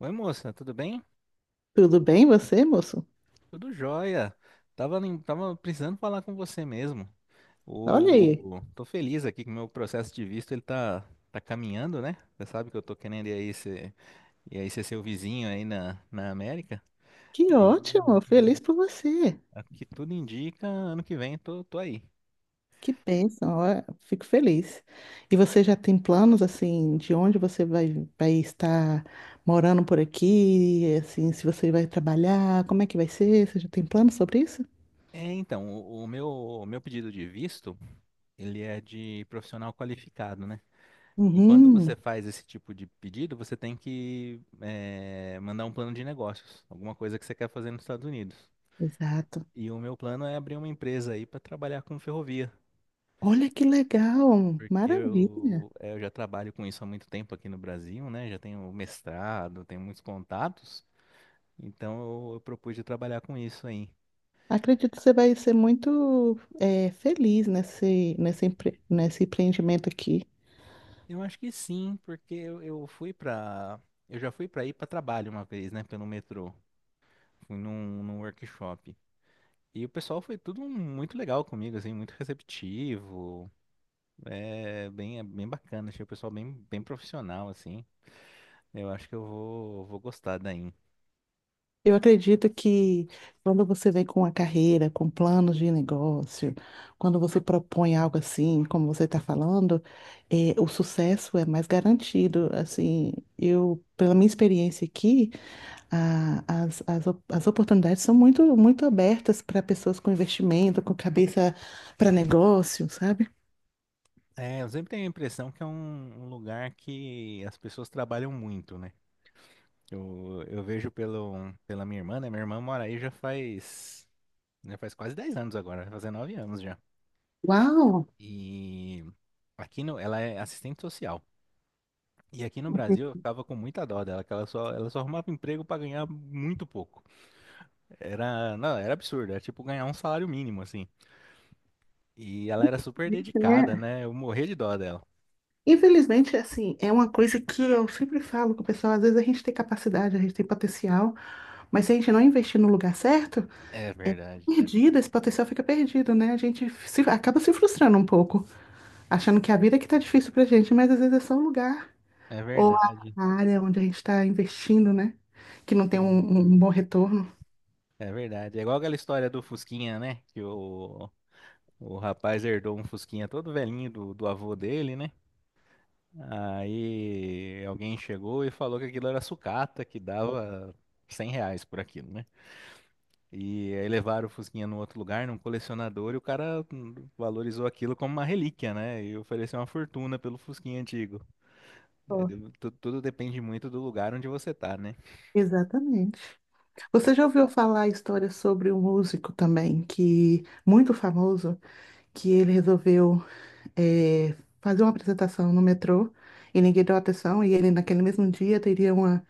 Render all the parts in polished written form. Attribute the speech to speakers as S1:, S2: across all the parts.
S1: Oi, moça, tudo bem?
S2: Tudo bem você, moço?
S1: Tudo jóia. Tava, nem- tava precisando falar com você mesmo.
S2: Olha aí,
S1: Tô feliz aqui que o meu processo de visto tá caminhando, né? Você sabe que eu tô querendo ir aí ser seu vizinho aí na América.
S2: que
S1: E
S2: ótimo, feliz por você.
S1: aqui tudo indica, ano que vem tô aí.
S2: Que bênção, ó, fico feliz. E você já tem planos assim de onde você vai estar morando por aqui, assim, se você vai trabalhar, como é que vai ser? Você já tem planos sobre isso?
S1: É, então, o meu pedido de visto, ele é de profissional qualificado, né? E quando
S2: Uhum,
S1: você faz esse tipo de pedido, você tem que mandar um plano de negócios, alguma coisa que você quer fazer nos Estados Unidos.
S2: exato.
S1: E o meu plano é abrir uma empresa aí para trabalhar com ferrovia,
S2: Olha que legal,
S1: porque
S2: maravilha.
S1: eu já trabalho com isso há muito tempo aqui no Brasil, né? Já tenho mestrado, tenho muitos contatos, então eu propus de trabalhar com isso aí.
S2: Acredito que você vai ser muito feliz nesse empreendimento aqui.
S1: Eu acho que sim, porque eu fui para, eu já fui para ir para trabalho uma vez, né? Pelo metrô, fui num workshop. E o pessoal foi tudo muito legal comigo, assim, muito receptivo. É bem bacana, achei o pessoal bem profissional, assim. Eu acho que vou gostar daí.
S2: Eu acredito que quando você vem com a carreira, com planos de negócio, quando você propõe algo assim, como você está falando, o sucesso é mais garantido. Assim, eu, pela minha experiência aqui, as oportunidades são muito abertas para pessoas com investimento, com cabeça para negócio, sabe?
S1: É, eu sempre tenho a impressão que é um lugar que as pessoas trabalham muito, né? Eu vejo pelo, pela minha irmã, né? Minha irmã mora aí já faz quase 10 anos agora, vai fazer 9 anos já.
S2: Uau!
S1: E aqui no, ela é assistente social. E aqui no Brasil eu ficava com muita dó dela, que ela só arrumava emprego para ganhar muito pouco. Era, não, era absurdo, era tipo ganhar um salário mínimo, assim. E ela era super
S2: Gente,
S1: dedicada,
S2: né?
S1: né? Eu morria de dó dela.
S2: Infelizmente, assim, é uma coisa que eu sempre falo com o pessoal, às vezes a gente tem capacidade, a gente tem potencial, mas se a gente não investir no lugar certo,
S1: É
S2: é
S1: verdade.
S2: perdido, esse potencial fica perdido, né? A gente se- Acaba se frustrando um pouco, achando que a vida é que tá difícil pra gente, mas às vezes é só o lugar
S1: É
S2: ou a
S1: verdade.
S2: a área onde a gente está investindo, né? Que não tem um,
S1: É,
S2: um um bom retorno.
S1: é verdade. É igual aquela história do Fusquinha, né? O rapaz herdou um Fusquinha todo velhinho do avô dele, né? Aí alguém chegou e falou que aquilo era sucata, que dava 100 reais por aquilo, né? E aí levaram o Fusquinha num outro lugar, num colecionador, e o cara valorizou aquilo como uma relíquia, né? E ofereceu uma fortuna pelo Fusquinha antigo.
S2: Ó,
S1: Tudo depende muito do lugar onde você tá, né?
S2: exatamente. Você já ouviu falar a história sobre um músico também, que muito famoso, que ele resolveu é, fazer uma apresentação no metrô e ninguém deu atenção, e ele naquele mesmo dia teria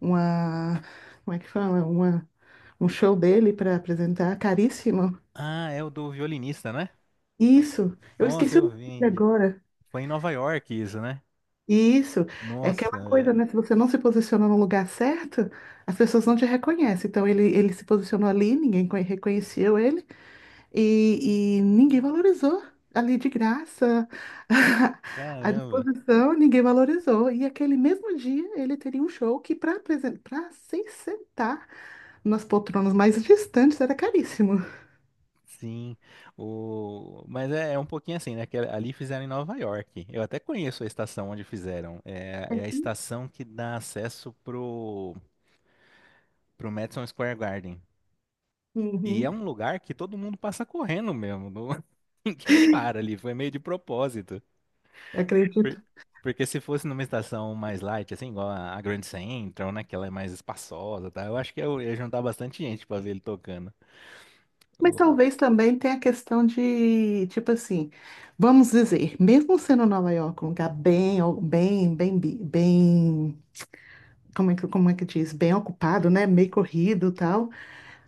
S2: uma, como é que fala? Uma, um show dele para apresentar, caríssimo.
S1: Ah, é o do violinista, né?
S2: Isso, eu
S1: Nossa,
S2: esqueci o
S1: eu
S2: nome
S1: vi.
S2: agora.
S1: Foi em Nova York isso, né?
S2: Isso, é
S1: Nossa,
S2: aquela coisa,
S1: é,
S2: né? Se você não se posiciona no lugar certo, as pessoas não te reconhecem. Então ele se posicionou ali, reconheceu ele. E ninguém valorizou ali de graça, à
S1: caramba.
S2: disposição, ninguém valorizou. E aquele mesmo dia ele teria um show que para se sentar nas poltronas mais distantes era caríssimo.
S1: Sim. Mas é um pouquinho assim, né? Que ali fizeram em Nova York. Eu até conheço a estação onde fizeram. É a estação que dá acesso pro, pro Madison Square Garden. E é
S2: Uhum.
S1: um lugar que todo mundo passa correndo mesmo. Ninguém para ali. Foi meio de propósito. Por-
S2: Acredito.
S1: Porque se fosse numa estação mais light, assim, igual a Grand Central, né? Que ela é mais espaçosa, tá? Eu acho que eu ia juntar bastante gente pra ver ele tocando.
S2: Mas
S1: O,
S2: talvez também tenha a questão de, tipo assim, vamos dizer, mesmo sendo Nova York um lugar bem, como é que diz? Bem ocupado, né? Meio corrido e tal.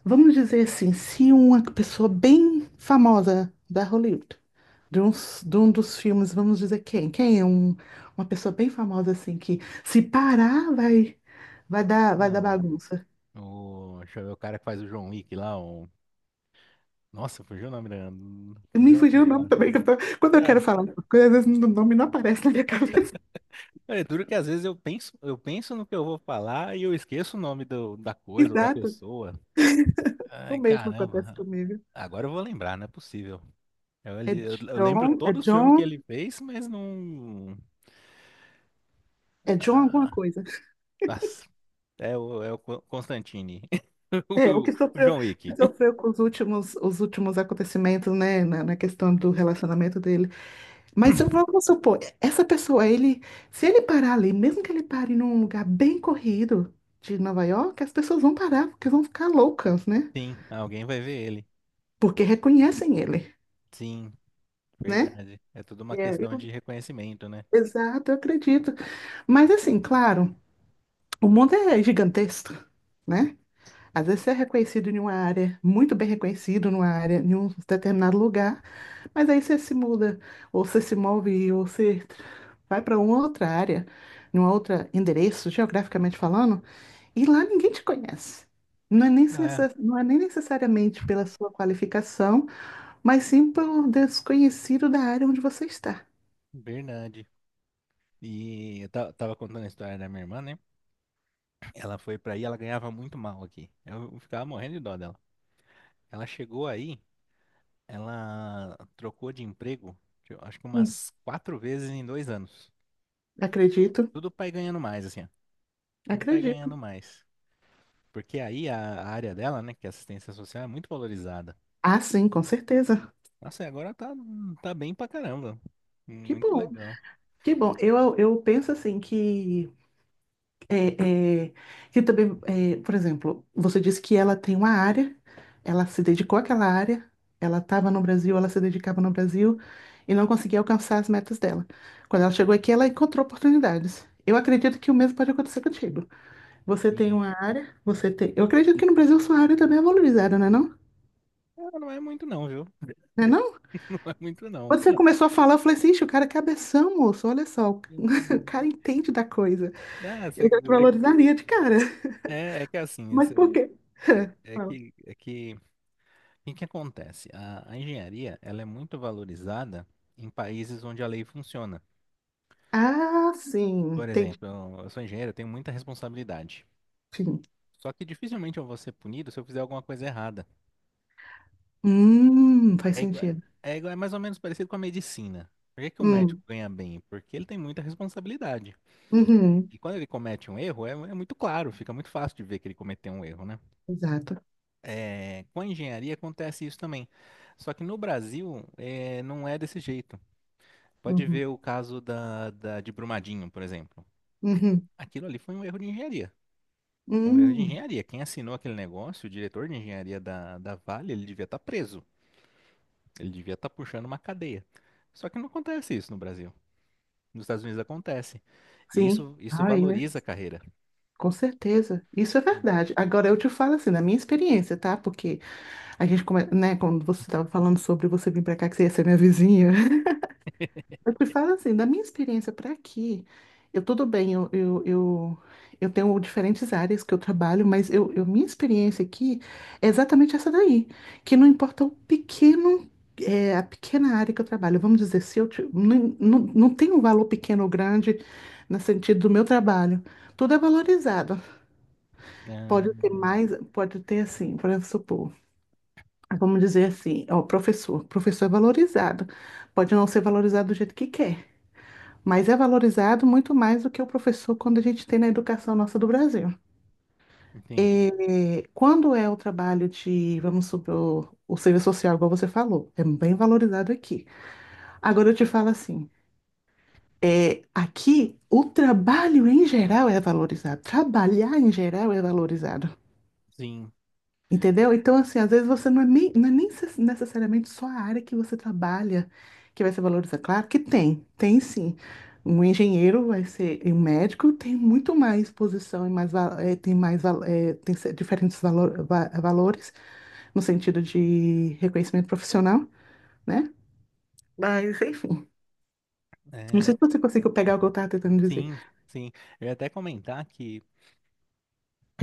S2: Vamos dizer assim, se uma pessoa bem famosa da Hollywood, de um dos filmes, vamos dizer quem? Uma pessoa bem famosa assim que se parar vai, vai
S1: ah,
S2: dar bagunça.
S1: o- deixa eu ver o cara que faz o John Wick lá, o. Nossa, fugiu o nome dele.
S2: Me
S1: Fugiu o nome
S2: fugiu o
S1: dele,
S2: nome
S1: né?
S2: também, que quando eu quero
S1: Cara,
S2: falar, alguma coisa, às vezes o nome não aparece na minha cabeça.
S1: é duro que às vezes eu penso no que eu vou falar e eu esqueço o nome da coisa ou da
S2: Exato,
S1: pessoa.
S2: o
S1: Ai,
S2: mesmo acontece
S1: caramba.
S2: comigo.
S1: Agora eu vou lembrar, não é possível.
S2: É
S1: Eu lembro
S2: John, é
S1: todo o filme que
S2: John,
S1: ele fez, mas não.
S2: É John
S1: Ah,
S2: alguma coisa.
S1: Nossa, é o Constantine.
S2: É,
S1: O John Wick.
S2: que sofreu com os últimos acontecimentos, né, na na questão do relacionamento dele. Mas eu vou vamos supor, essa pessoa, ele, se ele parar ali, mesmo que ele pare num lugar bem corrido de Nova York, as pessoas vão parar, porque vão ficar loucas, né?
S1: Sim, alguém vai ver ele.
S2: Porque reconhecem ele,
S1: Sim,
S2: né?
S1: verdade. É tudo uma
S2: É,
S1: questão de
S2: eu-
S1: reconhecimento, né?
S2: Exato, eu acredito. Mas assim, claro, o mundo é gigantesco, né? Às vezes você é reconhecido em uma área, muito bem reconhecido numa área, em um determinado lugar, mas aí você se muda, ou você se move, ou você vai para uma outra área, num outro endereço, geograficamente falando, e lá ninguém te conhece.
S1: É,
S2: Não é nem necessariamente pela sua qualificação, mas sim pelo desconhecido da área onde você está.
S1: verdade. Tava contando a história da minha irmã, né? Ela foi pra aí, ela ganhava muito mal aqui. Eu ficava morrendo de dó dela. Ela chegou aí, ela trocou de emprego, eu acho que
S2: Hum.
S1: umas quatro vezes em dois anos.
S2: Acredito,
S1: Tudo pra ir ganhando mais, assim, ó. Tudo pra ir
S2: acredito.
S1: ganhando mais. Porque aí a área dela, né, que é assistência social, é muito valorizada.
S2: Ah, sim, com certeza.
S1: Nossa, e agora tá, tá bem pra caramba.
S2: Que
S1: Muito
S2: bom,
S1: legal.
S2: que bom. Eu penso assim que É, é, que também, é, por exemplo, você disse que ela tem uma área, ela se dedicou àquela área, ela estava no Brasil, ela se dedicava no Brasil e não conseguia alcançar as metas dela. Quando ela chegou aqui, ela encontrou oportunidades. Eu acredito que o mesmo pode acontecer contigo. Você tem
S1: Sim.
S2: uma área, você tem. Eu acredito que no Brasil sua área também é valorizada, não é não?
S1: Ah, não é muito não, viu?
S2: Não é não?
S1: Não é muito não.
S2: Quando você começou a falar, eu falei assim, "Ixi, o cara é cabeção, moço, olha só, o cara entende da coisa.
S1: Ah,
S2: Eu
S1: cê-
S2: já te valorizaria de cara.
S1: é, é que assim,
S2: Mas por
S1: cê-
S2: quê?
S1: é é que, O que que acontece? A engenharia, ela é muito valorizada em países onde a lei funciona.
S2: Ah, sim,
S1: Por
S2: entendi.
S1: exemplo, eu sou engenheiro, eu tenho muita responsabilidade.
S2: Sim.
S1: Só que dificilmente eu vou ser punido se eu fizer alguma coisa errada.
S2: Faz
S1: É igual,
S2: sentido.
S1: é mais ou menos parecido com a medicina. Por que que o médico
S2: Hum,
S1: ganha bem? Porque ele tem muita responsabilidade.
S2: uhum,
S1: E quando ele comete um erro, é muito claro, fica muito fácil de ver que ele cometeu um erro, né?
S2: exato.
S1: É, com a engenharia acontece isso também. Só que no Brasil, não é desse jeito. Pode
S2: Uhum,
S1: ver o caso de Brumadinho, por exemplo.
S2: uhum,
S1: Aquilo ali foi um erro de engenharia. É um erro de
S2: hum,
S1: engenharia. Quem assinou aquele negócio, o diretor de engenharia da Vale, ele devia estar preso. Ele devia estar puxando uma cadeia. Só que não acontece isso no Brasil. Nos Estados Unidos acontece. E
S2: sim.
S1: isso
S2: Ah, é,
S1: valoriza a carreira.
S2: com certeza. Isso é
S1: Sim.
S2: verdade. Agora, eu te falo assim, na minha experiência, tá? Porque né, quando você estava falando sobre você vir para cá, que você ia ser minha vizinha, eu te falo assim, da minha experiência para aqui, eu tudo bem, eu tenho diferentes áreas que eu trabalho, mas minha experiência aqui é exatamente essa daí, que não importa o pequeno, é, a pequena área que eu trabalho, vamos dizer, se eu ti- não, não, não tem um valor pequeno ou grande no sentido do meu trabalho, tudo é valorizado.
S1: Ah,
S2: Pode ter mais, pode ter assim, por exemplo, supor, vamos dizer assim, ó, professor é valorizado, pode não ser valorizado do jeito que quer. Mas é valorizado muito mais do que o professor quando a gente tem na educação nossa do Brasil.
S1: entendi.
S2: É, quando é o trabalho de, vamos supor, o serviço social, igual você falou, é bem valorizado aqui. Agora eu te falo assim, é, aqui o trabalho em geral é valorizado, trabalhar em geral é valorizado.
S1: Sim,
S2: Entendeu? Então, assim, às vezes você não é nem, não é nem se- necessariamente só a área que você trabalha que vai ser valorizada. Claro que tem, tem sim. Um engenheiro vai ser, e um médico tem muito mais posição e mais, tem mais, tem diferentes valores no sentido de reconhecimento profissional, né? Mas, enfim, não
S1: é,
S2: sei se você conseguiu pegar o que eu estava tentando dizer.
S1: sim, sim. Eu ia até comentar que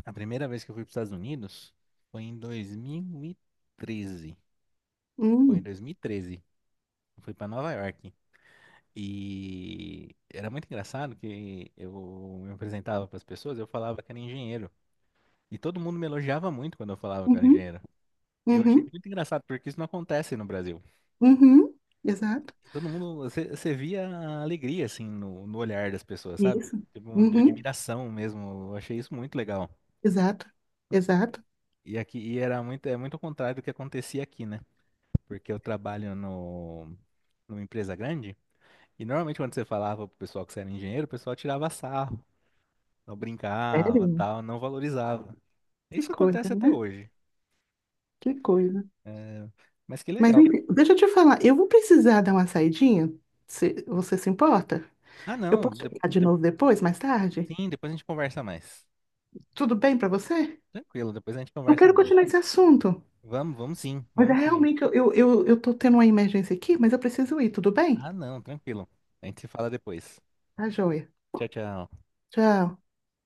S1: a primeira vez que eu fui para os Estados Unidos foi em 2013. Foi em
S2: Hum,
S1: 2013. Eu fui para Nova York. E era muito engraçado que eu me apresentava para as pessoas, eu falava que era engenheiro. E todo mundo me elogiava muito quando eu falava que era
S2: uhum,
S1: engenheiro. E eu achei
S2: uhum,
S1: muito engraçado, porque isso não acontece no Brasil.
S2: uhum, exato.
S1: E todo mundo, você via a alegria, assim, no olhar das pessoas, sabe?
S2: Isso.
S1: Tipo, um de
S2: Uhum,
S1: admiração mesmo. Eu achei isso muito legal.
S2: exato, exato.
S1: E aqui, e era muito, é muito ao contrário do que acontecia aqui, né? Porque eu trabalho no, numa empresa grande, e normalmente quando você falava pro pessoal que você era engenheiro, o pessoal tirava sarro, não brincava,
S2: Sério?
S1: tal, não valorizava.
S2: Que
S1: Isso
S2: coisa,
S1: acontece até
S2: né?
S1: hoje.
S2: Que coisa.
S1: Né? Mas que
S2: Mas
S1: legal.
S2: enfim, deixa eu te falar, eu vou precisar dar uma saidinha, se você se importa?
S1: Ah,
S2: Eu
S1: não.
S2: posso ligar de novo depois, mais tarde?
S1: Sim, depois a gente conversa mais.
S2: Tudo bem pra você?
S1: Tranquilo, depois a gente
S2: Eu
S1: conversa
S2: quero
S1: mais.
S2: continuar esse assunto, mas é
S1: Vamos sim.
S2: realmente eu tô tendo uma emergência aqui, mas eu preciso ir, tudo bem?
S1: Ah, não, tranquilo. A gente se fala depois.
S2: Tá joia.
S1: Tchau, tchau.
S2: Tchau.